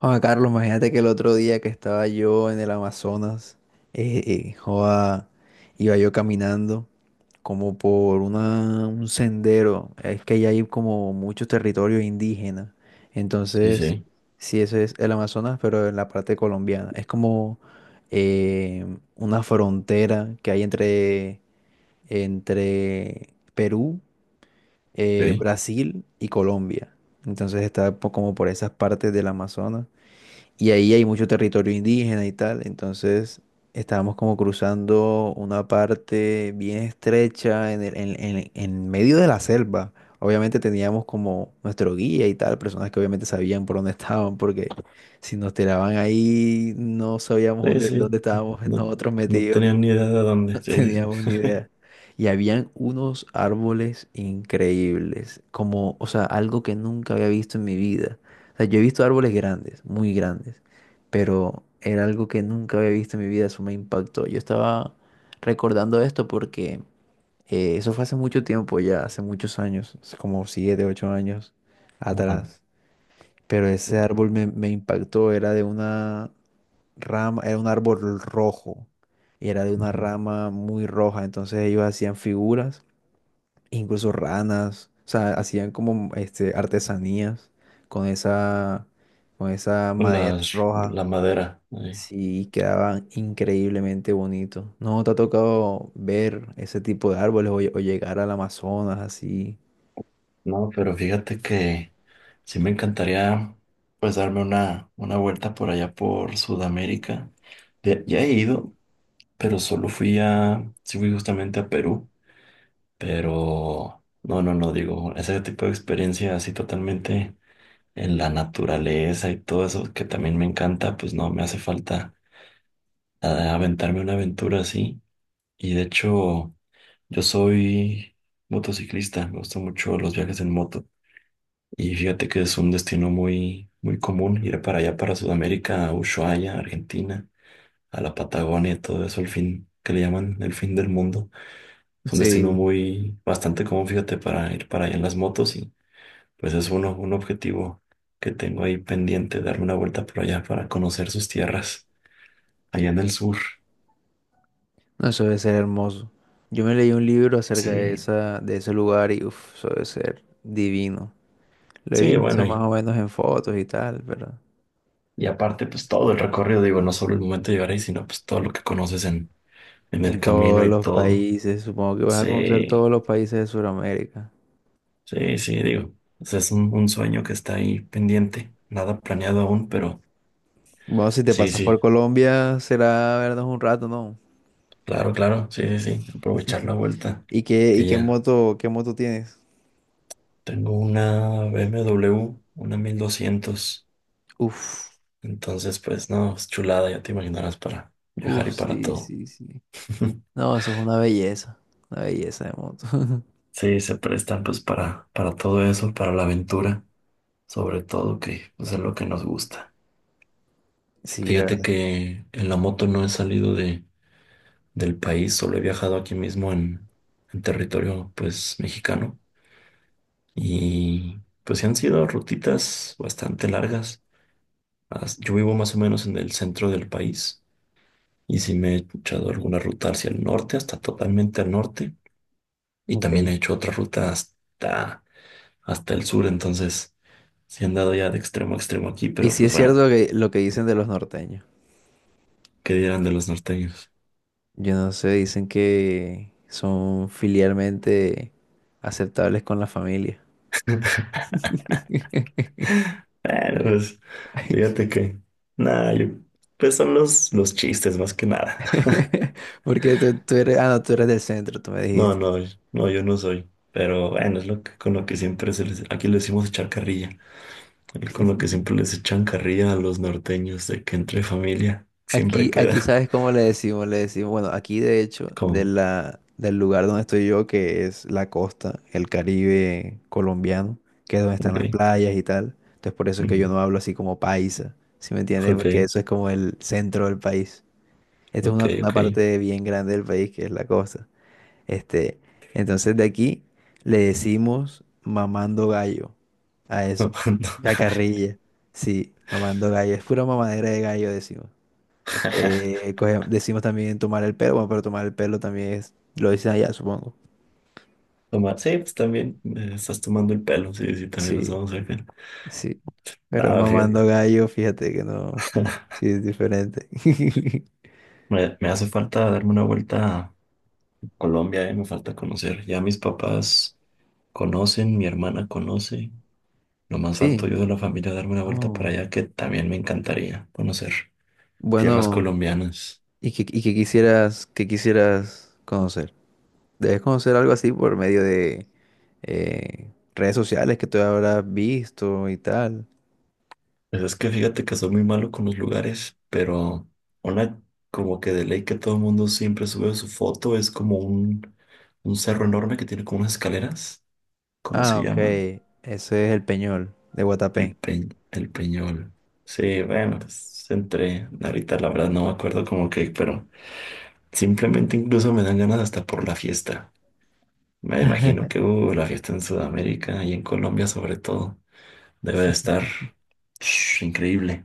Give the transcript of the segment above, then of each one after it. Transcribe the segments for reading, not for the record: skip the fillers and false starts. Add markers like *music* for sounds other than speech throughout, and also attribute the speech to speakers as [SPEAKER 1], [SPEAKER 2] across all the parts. [SPEAKER 1] Juan Carlos, imagínate que el otro día que estaba yo en el Amazonas, eh, eh, joda, iba yo caminando como por un sendero. Es que allá hay como muchos territorios indígenas.
[SPEAKER 2] Sí,
[SPEAKER 1] Entonces,
[SPEAKER 2] sí,
[SPEAKER 1] sí, eso es el Amazonas, pero en la parte colombiana. Es como eh, una frontera que hay entre Perú,
[SPEAKER 2] ok.
[SPEAKER 1] Brasil y Colombia. Entonces como por esas partes del Amazonas. Y ahí hay mucho territorio indígena y tal. Entonces estábamos como cruzando una parte bien estrecha en, el- en medio de la selva. Obviamente teníamos como nuestro guía y tal, personas que obviamente sabían por dónde *laughs* estaban, porque si nos tiraban ahí no sabíamos
[SPEAKER 2] Sí,
[SPEAKER 1] dónde
[SPEAKER 2] sí,
[SPEAKER 1] estábamos *laughs*
[SPEAKER 2] no,
[SPEAKER 1] nosotros
[SPEAKER 2] no
[SPEAKER 1] metidos
[SPEAKER 2] tenía ni idea de dónde. Sí, sí, sí.
[SPEAKER 1] teníamos ni idea.
[SPEAKER 2] *laughs*
[SPEAKER 1] Y habían unos árboles increíbles, como, o sea, algo que nunca había visto en mi vida. O sea, yo he visto árboles grandes, muy grandes, pero era algo que nunca había visto en mi vida, eso me impactó. Yo estaba recordando esto porque eso fue hace mucho tiempo ya, hace muchos años, hace como 7, 8 años
[SPEAKER 2] Ajá.
[SPEAKER 1] atrás. Pero ese árbol me impactó, era de una rama, era un árbol rojo y era de una
[SPEAKER 2] Ujú.
[SPEAKER 1] rama muy roja, entonces ellos hacían figuras, incluso ranas, o sea, hacían artesanías con esa, con esa
[SPEAKER 2] Con
[SPEAKER 1] madera
[SPEAKER 2] Las,
[SPEAKER 1] roja,
[SPEAKER 2] la madera ahí.
[SPEAKER 1] sí, quedaban increíblemente bonitos. ¿No te ha tocado ver ese tipo de árboles o llegar al Amazonas así?
[SPEAKER 2] No, pero fíjate que sí me encantaría, pues darme una vuelta por allá por Sudamérica. Ya, ya he ido, pero solo fui sí fui justamente a Perú, pero no, no, no, digo, ese tipo de experiencia así totalmente en la naturaleza y todo eso que también me encanta, pues no me hace falta a aventarme una aventura así. Y de hecho, yo soy motociclista, me gustan mucho los viajes en moto. Y fíjate que es un destino muy, muy común ir para allá, para Sudamérica, a Ushuaia, Argentina, a la Patagonia, y todo eso, el fin que le llaman el fin del mundo. Es un destino
[SPEAKER 1] Sí,
[SPEAKER 2] muy, bastante común, fíjate, para ir para allá en las motos. Y pues es uno, un objetivo que tengo ahí pendiente, darme una vuelta por allá para conocer sus tierras, allá en el sur.
[SPEAKER 1] no, eso debe ser hermoso. Yo me leí un libro acerca de
[SPEAKER 2] Sí,
[SPEAKER 1] de ese lugar y uf, eso debe ser divino. Lo he
[SPEAKER 2] sí,
[SPEAKER 1] visto
[SPEAKER 2] bueno,
[SPEAKER 1] más o menos en fotos y tal, pero
[SPEAKER 2] y aparte, pues todo el recorrido, digo, no solo el momento de llegar ahí, sino pues todo lo que conoces en el
[SPEAKER 1] en
[SPEAKER 2] camino
[SPEAKER 1] todos
[SPEAKER 2] y
[SPEAKER 1] los
[SPEAKER 2] todo.
[SPEAKER 1] países, supongo que vas a conocer
[SPEAKER 2] Sí,
[SPEAKER 1] todos los países de Sudamérica.
[SPEAKER 2] sí, sí, digo, o sea, es un, sueño que está ahí pendiente, nada planeado aún, pero
[SPEAKER 1] Bueno, si te
[SPEAKER 2] sí,
[SPEAKER 1] pasas por
[SPEAKER 2] sí,
[SPEAKER 1] Colombia, será vernos un rato, ¿no?
[SPEAKER 2] claro, claro, sí, sí, sí, aprovechar la vuelta,
[SPEAKER 1] ¿Y
[SPEAKER 2] que ya
[SPEAKER 1] qué moto tienes?
[SPEAKER 2] tengo una BMW, una 1200,
[SPEAKER 1] Uf,
[SPEAKER 2] entonces pues no, es chulada, ya te imaginarás para viajar
[SPEAKER 1] uf,
[SPEAKER 2] y para
[SPEAKER 1] sí,
[SPEAKER 2] todo.
[SPEAKER 1] sí, sí.
[SPEAKER 2] *laughs*
[SPEAKER 1] No, eso es una belleza de moto. *laughs*
[SPEAKER 2] Sí, se prestan pues para todo eso, para la aventura, sobre todo que, pues, es lo que nos gusta.
[SPEAKER 1] Sí, la
[SPEAKER 2] Fíjate
[SPEAKER 1] verdad.
[SPEAKER 2] que en la moto no he salido del país, solo he viajado aquí mismo en territorio, pues, mexicano, y pues sí han sido rutitas bastante largas. Yo vivo más o menos en el centro del país y sí me he echado alguna ruta hacia el norte, hasta totalmente al norte, y también
[SPEAKER 1] Ok.
[SPEAKER 2] he hecho otra ruta hasta, hasta el sur, entonces sí he andado ya de extremo a extremo aquí,
[SPEAKER 1] Y
[SPEAKER 2] pero
[SPEAKER 1] sí es
[SPEAKER 2] pues bueno,
[SPEAKER 1] cierto que lo que dicen de los norteños.
[SPEAKER 2] ¿qué dirán de los norteños?
[SPEAKER 1] Yo no sé, dicen que son filialmente aceptables con la familia.
[SPEAKER 2] Bueno, pues,
[SPEAKER 1] *laughs*
[SPEAKER 2] fíjate que, nada, yo, pues son los, chistes más que nada. *laughs*
[SPEAKER 1] *laughs* Porque tú eres, ah, no, tú eres del centro, tú me
[SPEAKER 2] No,
[SPEAKER 1] dijiste.
[SPEAKER 2] no, no, yo no soy. Pero bueno, es lo que, con lo que siempre se les, aquí le decimos echar carrilla, y con lo que siempre les echan carrilla a los norteños, de que entre familia siempre
[SPEAKER 1] Aquí
[SPEAKER 2] queda.
[SPEAKER 1] sabes cómo le decimos, bueno, aquí de
[SPEAKER 2] *laughs*
[SPEAKER 1] hecho,
[SPEAKER 2] Como,
[SPEAKER 1] del lugar donde estoy yo, que es la costa, el Caribe colombiano, que es donde están
[SPEAKER 2] ok,
[SPEAKER 1] las playas y tal. Entonces por eso es que yo
[SPEAKER 2] ujú,
[SPEAKER 1] no hablo así como paisa, ¿sí me entiendes?
[SPEAKER 2] ok,
[SPEAKER 1] Porque eso es como el centro del país. Esta es
[SPEAKER 2] ok,
[SPEAKER 1] una
[SPEAKER 2] ok.
[SPEAKER 1] parte bien grande del país, que es la costa. Este, entonces de aquí le decimos mamando gallo a
[SPEAKER 2] *laughs*
[SPEAKER 1] eso.
[SPEAKER 2] Tomando.
[SPEAKER 1] Chacarrilla. Sí, mamando gallo. Es pura mamadera de gallo, decimos.
[SPEAKER 2] *laughs*
[SPEAKER 1] Decimos también tomar el pelo, bueno, pero tomar el pelo también es, lo dicen allá, supongo.
[SPEAKER 2] Sí, pues también, estás tomando el pelo, sí, sí, también los
[SPEAKER 1] Sí,
[SPEAKER 2] vamos a ver.
[SPEAKER 1] sí. Pero
[SPEAKER 2] Nada, fíjate,
[SPEAKER 1] mamando gallo, fíjate que no.
[SPEAKER 2] *laughs*
[SPEAKER 1] Sí, es diferente. *laughs*
[SPEAKER 2] me hace falta darme una vuelta Colombia, me falta conocer. Ya mis papás conocen, mi hermana conoce. Nomás
[SPEAKER 1] Sí.
[SPEAKER 2] falto yo de la familia, darme una vuelta para
[SPEAKER 1] Oh.
[SPEAKER 2] allá, que también me encantaría conocer tierras
[SPEAKER 1] Bueno,
[SPEAKER 2] colombianas.
[SPEAKER 1] ¿y qué quisieras conocer? Debes conocer algo así por medio de eh, redes sociales que tú habrás visto y tal.
[SPEAKER 2] Pues es que fíjate que soy muy malo con los lugares, pero una, como que de ley, que todo el mundo siempre sube su foto, es como un cerro enorme que tiene como unas escaleras. ¿Cómo
[SPEAKER 1] Ah,
[SPEAKER 2] se
[SPEAKER 1] ok.
[SPEAKER 2] llama?
[SPEAKER 1] Ese es el Peñol de
[SPEAKER 2] El
[SPEAKER 1] Guatapé.
[SPEAKER 2] Pe- el Peñol. Sí, bueno, pues entre, ahorita la verdad no me acuerdo como que, pero simplemente incluso me dan ganas hasta por la fiesta. Me imagino
[SPEAKER 1] *laughs*
[SPEAKER 2] que, la fiesta en Sudamérica y en Colombia, sobre todo, debe de estar *sniffs* increíble.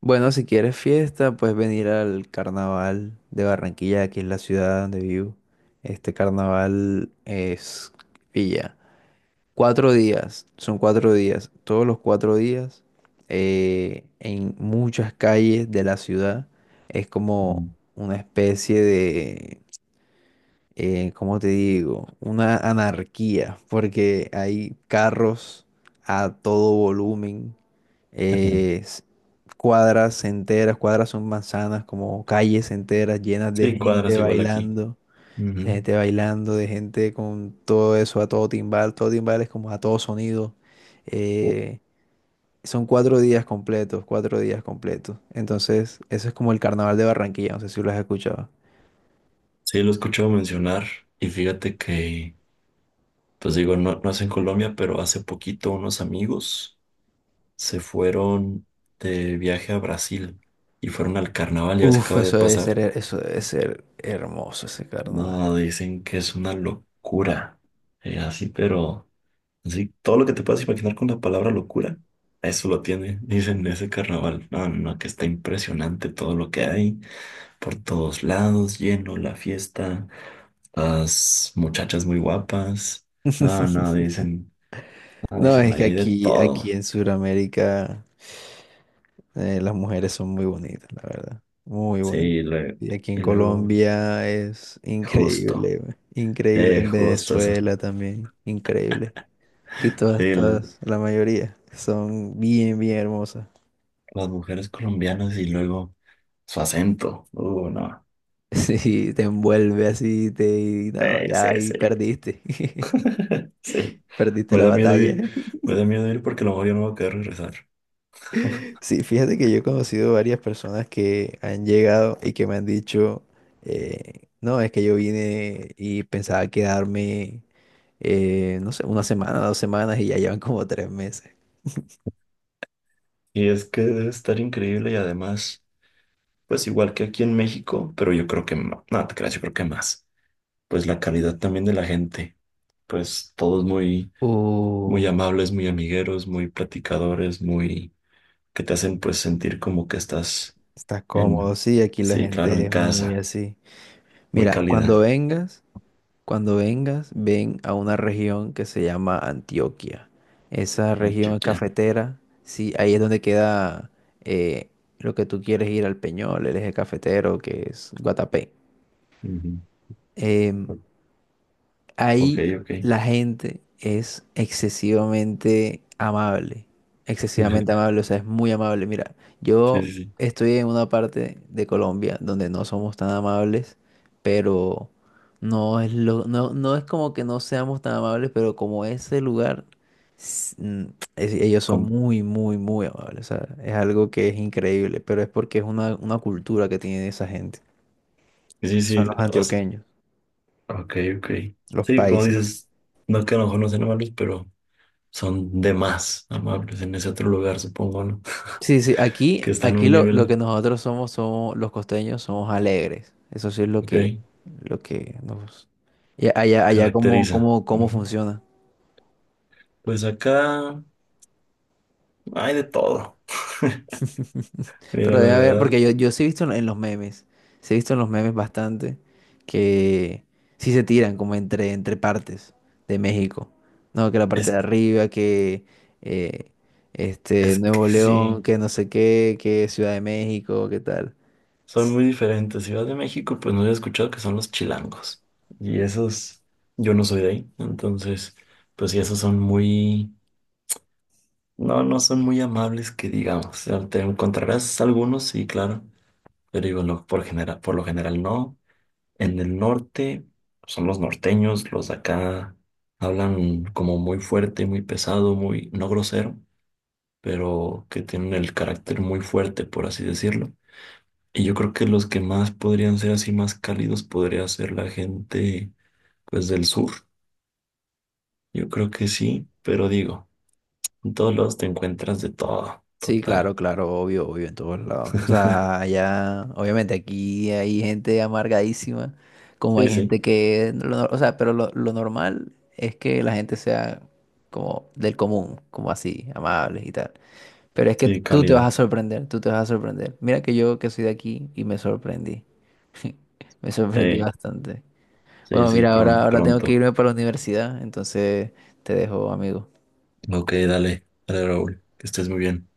[SPEAKER 1] Bueno, si quieres fiesta, puedes venir al carnaval de Barranquilla, que es la ciudad donde vivo. Este carnaval es Villa. 4 días, son 4 días. Todos los 4 días, en muchas calles de la ciudad, es como
[SPEAKER 2] Mm.
[SPEAKER 1] una especie de ¿cómo te digo? Una anarquía, porque hay carros a todo volumen, eh, s- cuadras enteras, cuadras son manzanas, como calles enteras llenas de
[SPEAKER 2] Sí,
[SPEAKER 1] gente
[SPEAKER 2] cuadras igual aquí.
[SPEAKER 1] bailando, de
[SPEAKER 2] Ujú.
[SPEAKER 1] gente bailando, de gente con todo eso a todo timbal es como a todo sonido. eh, son 4 días completos, 4 días completos. Entonces, eso es como el carnaval de Barranquilla, no sé si lo has escuchado.
[SPEAKER 2] Sí, lo escucho mencionar, y fíjate que, pues digo, no, no es en Colombia, pero hace poquito unos amigos se fueron de viaje a Brasil y fueron al carnaval, ya ves que
[SPEAKER 1] Uf,
[SPEAKER 2] acaba de pasar.
[SPEAKER 1] eso debe ser hermoso ese carnaval.
[SPEAKER 2] No, dicen que es una locura, así, pero... Sí, todo lo que te puedas imaginar con la palabra locura, eso lo tiene, dicen, ese carnaval. No, no, no, que está impresionante todo lo que hay, por todos lados, lleno la fiesta, las muchachas muy guapas. No, no, dicen, no,
[SPEAKER 1] No,
[SPEAKER 2] dicen,
[SPEAKER 1] es
[SPEAKER 2] ahí
[SPEAKER 1] que
[SPEAKER 2] hay de
[SPEAKER 1] aquí
[SPEAKER 2] todo.
[SPEAKER 1] en Sudamérica las mujeres son muy bonitas, la verdad. Muy
[SPEAKER 2] Sí,
[SPEAKER 1] bonitas. Y aquí en
[SPEAKER 2] y luego,
[SPEAKER 1] Colombia es
[SPEAKER 2] justo,
[SPEAKER 1] increíble, güey, increíble.
[SPEAKER 2] eh,
[SPEAKER 1] En
[SPEAKER 2] justo eso.
[SPEAKER 1] Venezuela también, increíble. Aquí
[SPEAKER 2] Sí, la-
[SPEAKER 1] todas, la mayoría son bien, bien hermosas. *laughs*
[SPEAKER 2] las mujeres colombianas, y luego su acento. No,
[SPEAKER 1] Sí, te envuelve así, te... y no,
[SPEAKER 2] sí,
[SPEAKER 1] ya
[SPEAKER 2] sí,
[SPEAKER 1] ahí
[SPEAKER 2] sí.
[SPEAKER 1] perdiste. *laughs*
[SPEAKER 2] *laughs* Sí,
[SPEAKER 1] Perdiste
[SPEAKER 2] me
[SPEAKER 1] la
[SPEAKER 2] da miedo
[SPEAKER 1] batalla.
[SPEAKER 2] ir, me da miedo ir porque a lo mejor ya no va a querer regresar. *laughs*
[SPEAKER 1] Sí, fíjate que yo he conocido varias personas que han llegado y que me han dicho, no, es que yo vine y pensaba quedarme, no sé, una semana, 2 semanas y ya llevan como 3 meses.
[SPEAKER 2] Y es que debe estar increíble, y además, pues igual que aquí en México, pero yo creo que más, no te creas, yo creo que más. Pues la calidad también de la gente, pues todos muy, muy
[SPEAKER 1] Uh,
[SPEAKER 2] amables, muy amigueros, muy platicadores, muy, que te hacen pues sentir como que estás
[SPEAKER 1] estás cómodo,
[SPEAKER 2] en,
[SPEAKER 1] sí, aquí la
[SPEAKER 2] sí, claro, en
[SPEAKER 1] gente es muy
[SPEAKER 2] casa,
[SPEAKER 1] así.
[SPEAKER 2] muy
[SPEAKER 1] Mira, cuando
[SPEAKER 2] cálida.
[SPEAKER 1] vengas, cuando vengas, ven a una región que se llama Antioquia. Esa región es
[SPEAKER 2] Antioquia.
[SPEAKER 1] cafetera. Sí, ahí es donde queda eh, lo que tú quieres ir al Peñol, el eje cafetero, que es Guatapé.
[SPEAKER 2] Ujú.
[SPEAKER 1] Em,
[SPEAKER 2] Ok,
[SPEAKER 1] ahí
[SPEAKER 2] ok.
[SPEAKER 1] la gente es excesivamente
[SPEAKER 2] *laughs*
[SPEAKER 1] amable, o sea, es muy amable. Mira,
[SPEAKER 2] Sí,
[SPEAKER 1] yo
[SPEAKER 2] sí, sí.
[SPEAKER 1] estoy en una parte de Colombia donde no somos tan amables, pero no es lo, no, no es como que no seamos tan amables, pero como ese lugar, s- mm, ellos son
[SPEAKER 2] Com-
[SPEAKER 1] muy, muy, muy amables. O sea, es algo que es increíble, pero es porque es una cultura que tiene esa gente.
[SPEAKER 2] sí,
[SPEAKER 1] Son
[SPEAKER 2] sí,
[SPEAKER 1] los
[SPEAKER 2] o sea,
[SPEAKER 1] antioqueños,
[SPEAKER 2] ok, ok.
[SPEAKER 1] los
[SPEAKER 2] Sí, como
[SPEAKER 1] paisas.
[SPEAKER 2] dices, no que a lo mejor no sean amables, pero son de más amables en ese otro lugar, supongo, ¿no? *laughs*
[SPEAKER 1] Sí, sí,
[SPEAKER 2] Que está en un
[SPEAKER 1] lo que
[SPEAKER 2] nivel,
[SPEAKER 1] nosotros somos, somos los costeños, somos alegres. Eso sí es
[SPEAKER 2] ok,
[SPEAKER 1] lo que nos... y allá,
[SPEAKER 2] caracteriza.
[SPEAKER 1] cómo
[SPEAKER 2] Ujú.
[SPEAKER 1] funciona.
[SPEAKER 2] Pues acá hay de todo. *laughs* Mira,
[SPEAKER 1] Pero debe
[SPEAKER 2] la
[SPEAKER 1] haber,
[SPEAKER 2] verdad,
[SPEAKER 1] porque yo sí he visto en los memes, sí he visto en los memes bastante que sí se tiran como entre partes de México. No, que la parte de
[SPEAKER 2] es,
[SPEAKER 1] arriba, que eh, este
[SPEAKER 2] es que
[SPEAKER 1] Nuevo León,
[SPEAKER 2] sí,
[SPEAKER 1] que no sé qué, que Ciudad de México, qué tal.
[SPEAKER 2] son muy diferentes. Ciudad de México, pues no he escuchado que son los chilangos. Y esos, yo no soy de ahí, entonces, pues sí, esos son muy, no, no son muy amables que digamos. O sea, te encontrarás algunos, sí, claro, pero digo, por lo general no. En el norte son los norteños, los de acá hablan como muy fuerte, muy pesado, muy, no grosero, pero que tienen el carácter muy fuerte, por así decirlo. Y yo creo que los que más podrían ser así más cálidos podría ser la gente, pues, del sur. Yo creo que sí, pero digo, en todos lados te encuentras de todo,
[SPEAKER 1] Sí,
[SPEAKER 2] total.
[SPEAKER 1] claro, claro, obvio, obvio, en todos lados. O sea, allá, obviamente aquí hay gente amargadísima, como
[SPEAKER 2] Sí,
[SPEAKER 1] hay
[SPEAKER 2] sí.
[SPEAKER 1] gente que, lo nor- o sea, pero lo normal es que la gente sea como del común, como así, amables y tal. Pero es que
[SPEAKER 2] Sí,
[SPEAKER 1] tú te vas a
[SPEAKER 2] cálida.
[SPEAKER 1] sorprender, tú te vas a sorprender. Mira que yo que soy de aquí y me sorprendí. *laughs* Me sorprendí
[SPEAKER 2] Sí,
[SPEAKER 1] bastante.
[SPEAKER 2] sí,
[SPEAKER 1] Bueno,
[SPEAKER 2] sí,
[SPEAKER 1] mira,
[SPEAKER 2] pron-
[SPEAKER 1] ahora tengo que
[SPEAKER 2] pronto.
[SPEAKER 1] irme para la universidad, entonces te dejo, amigo.
[SPEAKER 2] Ok, dale, dale, Raúl. Que estés muy bien.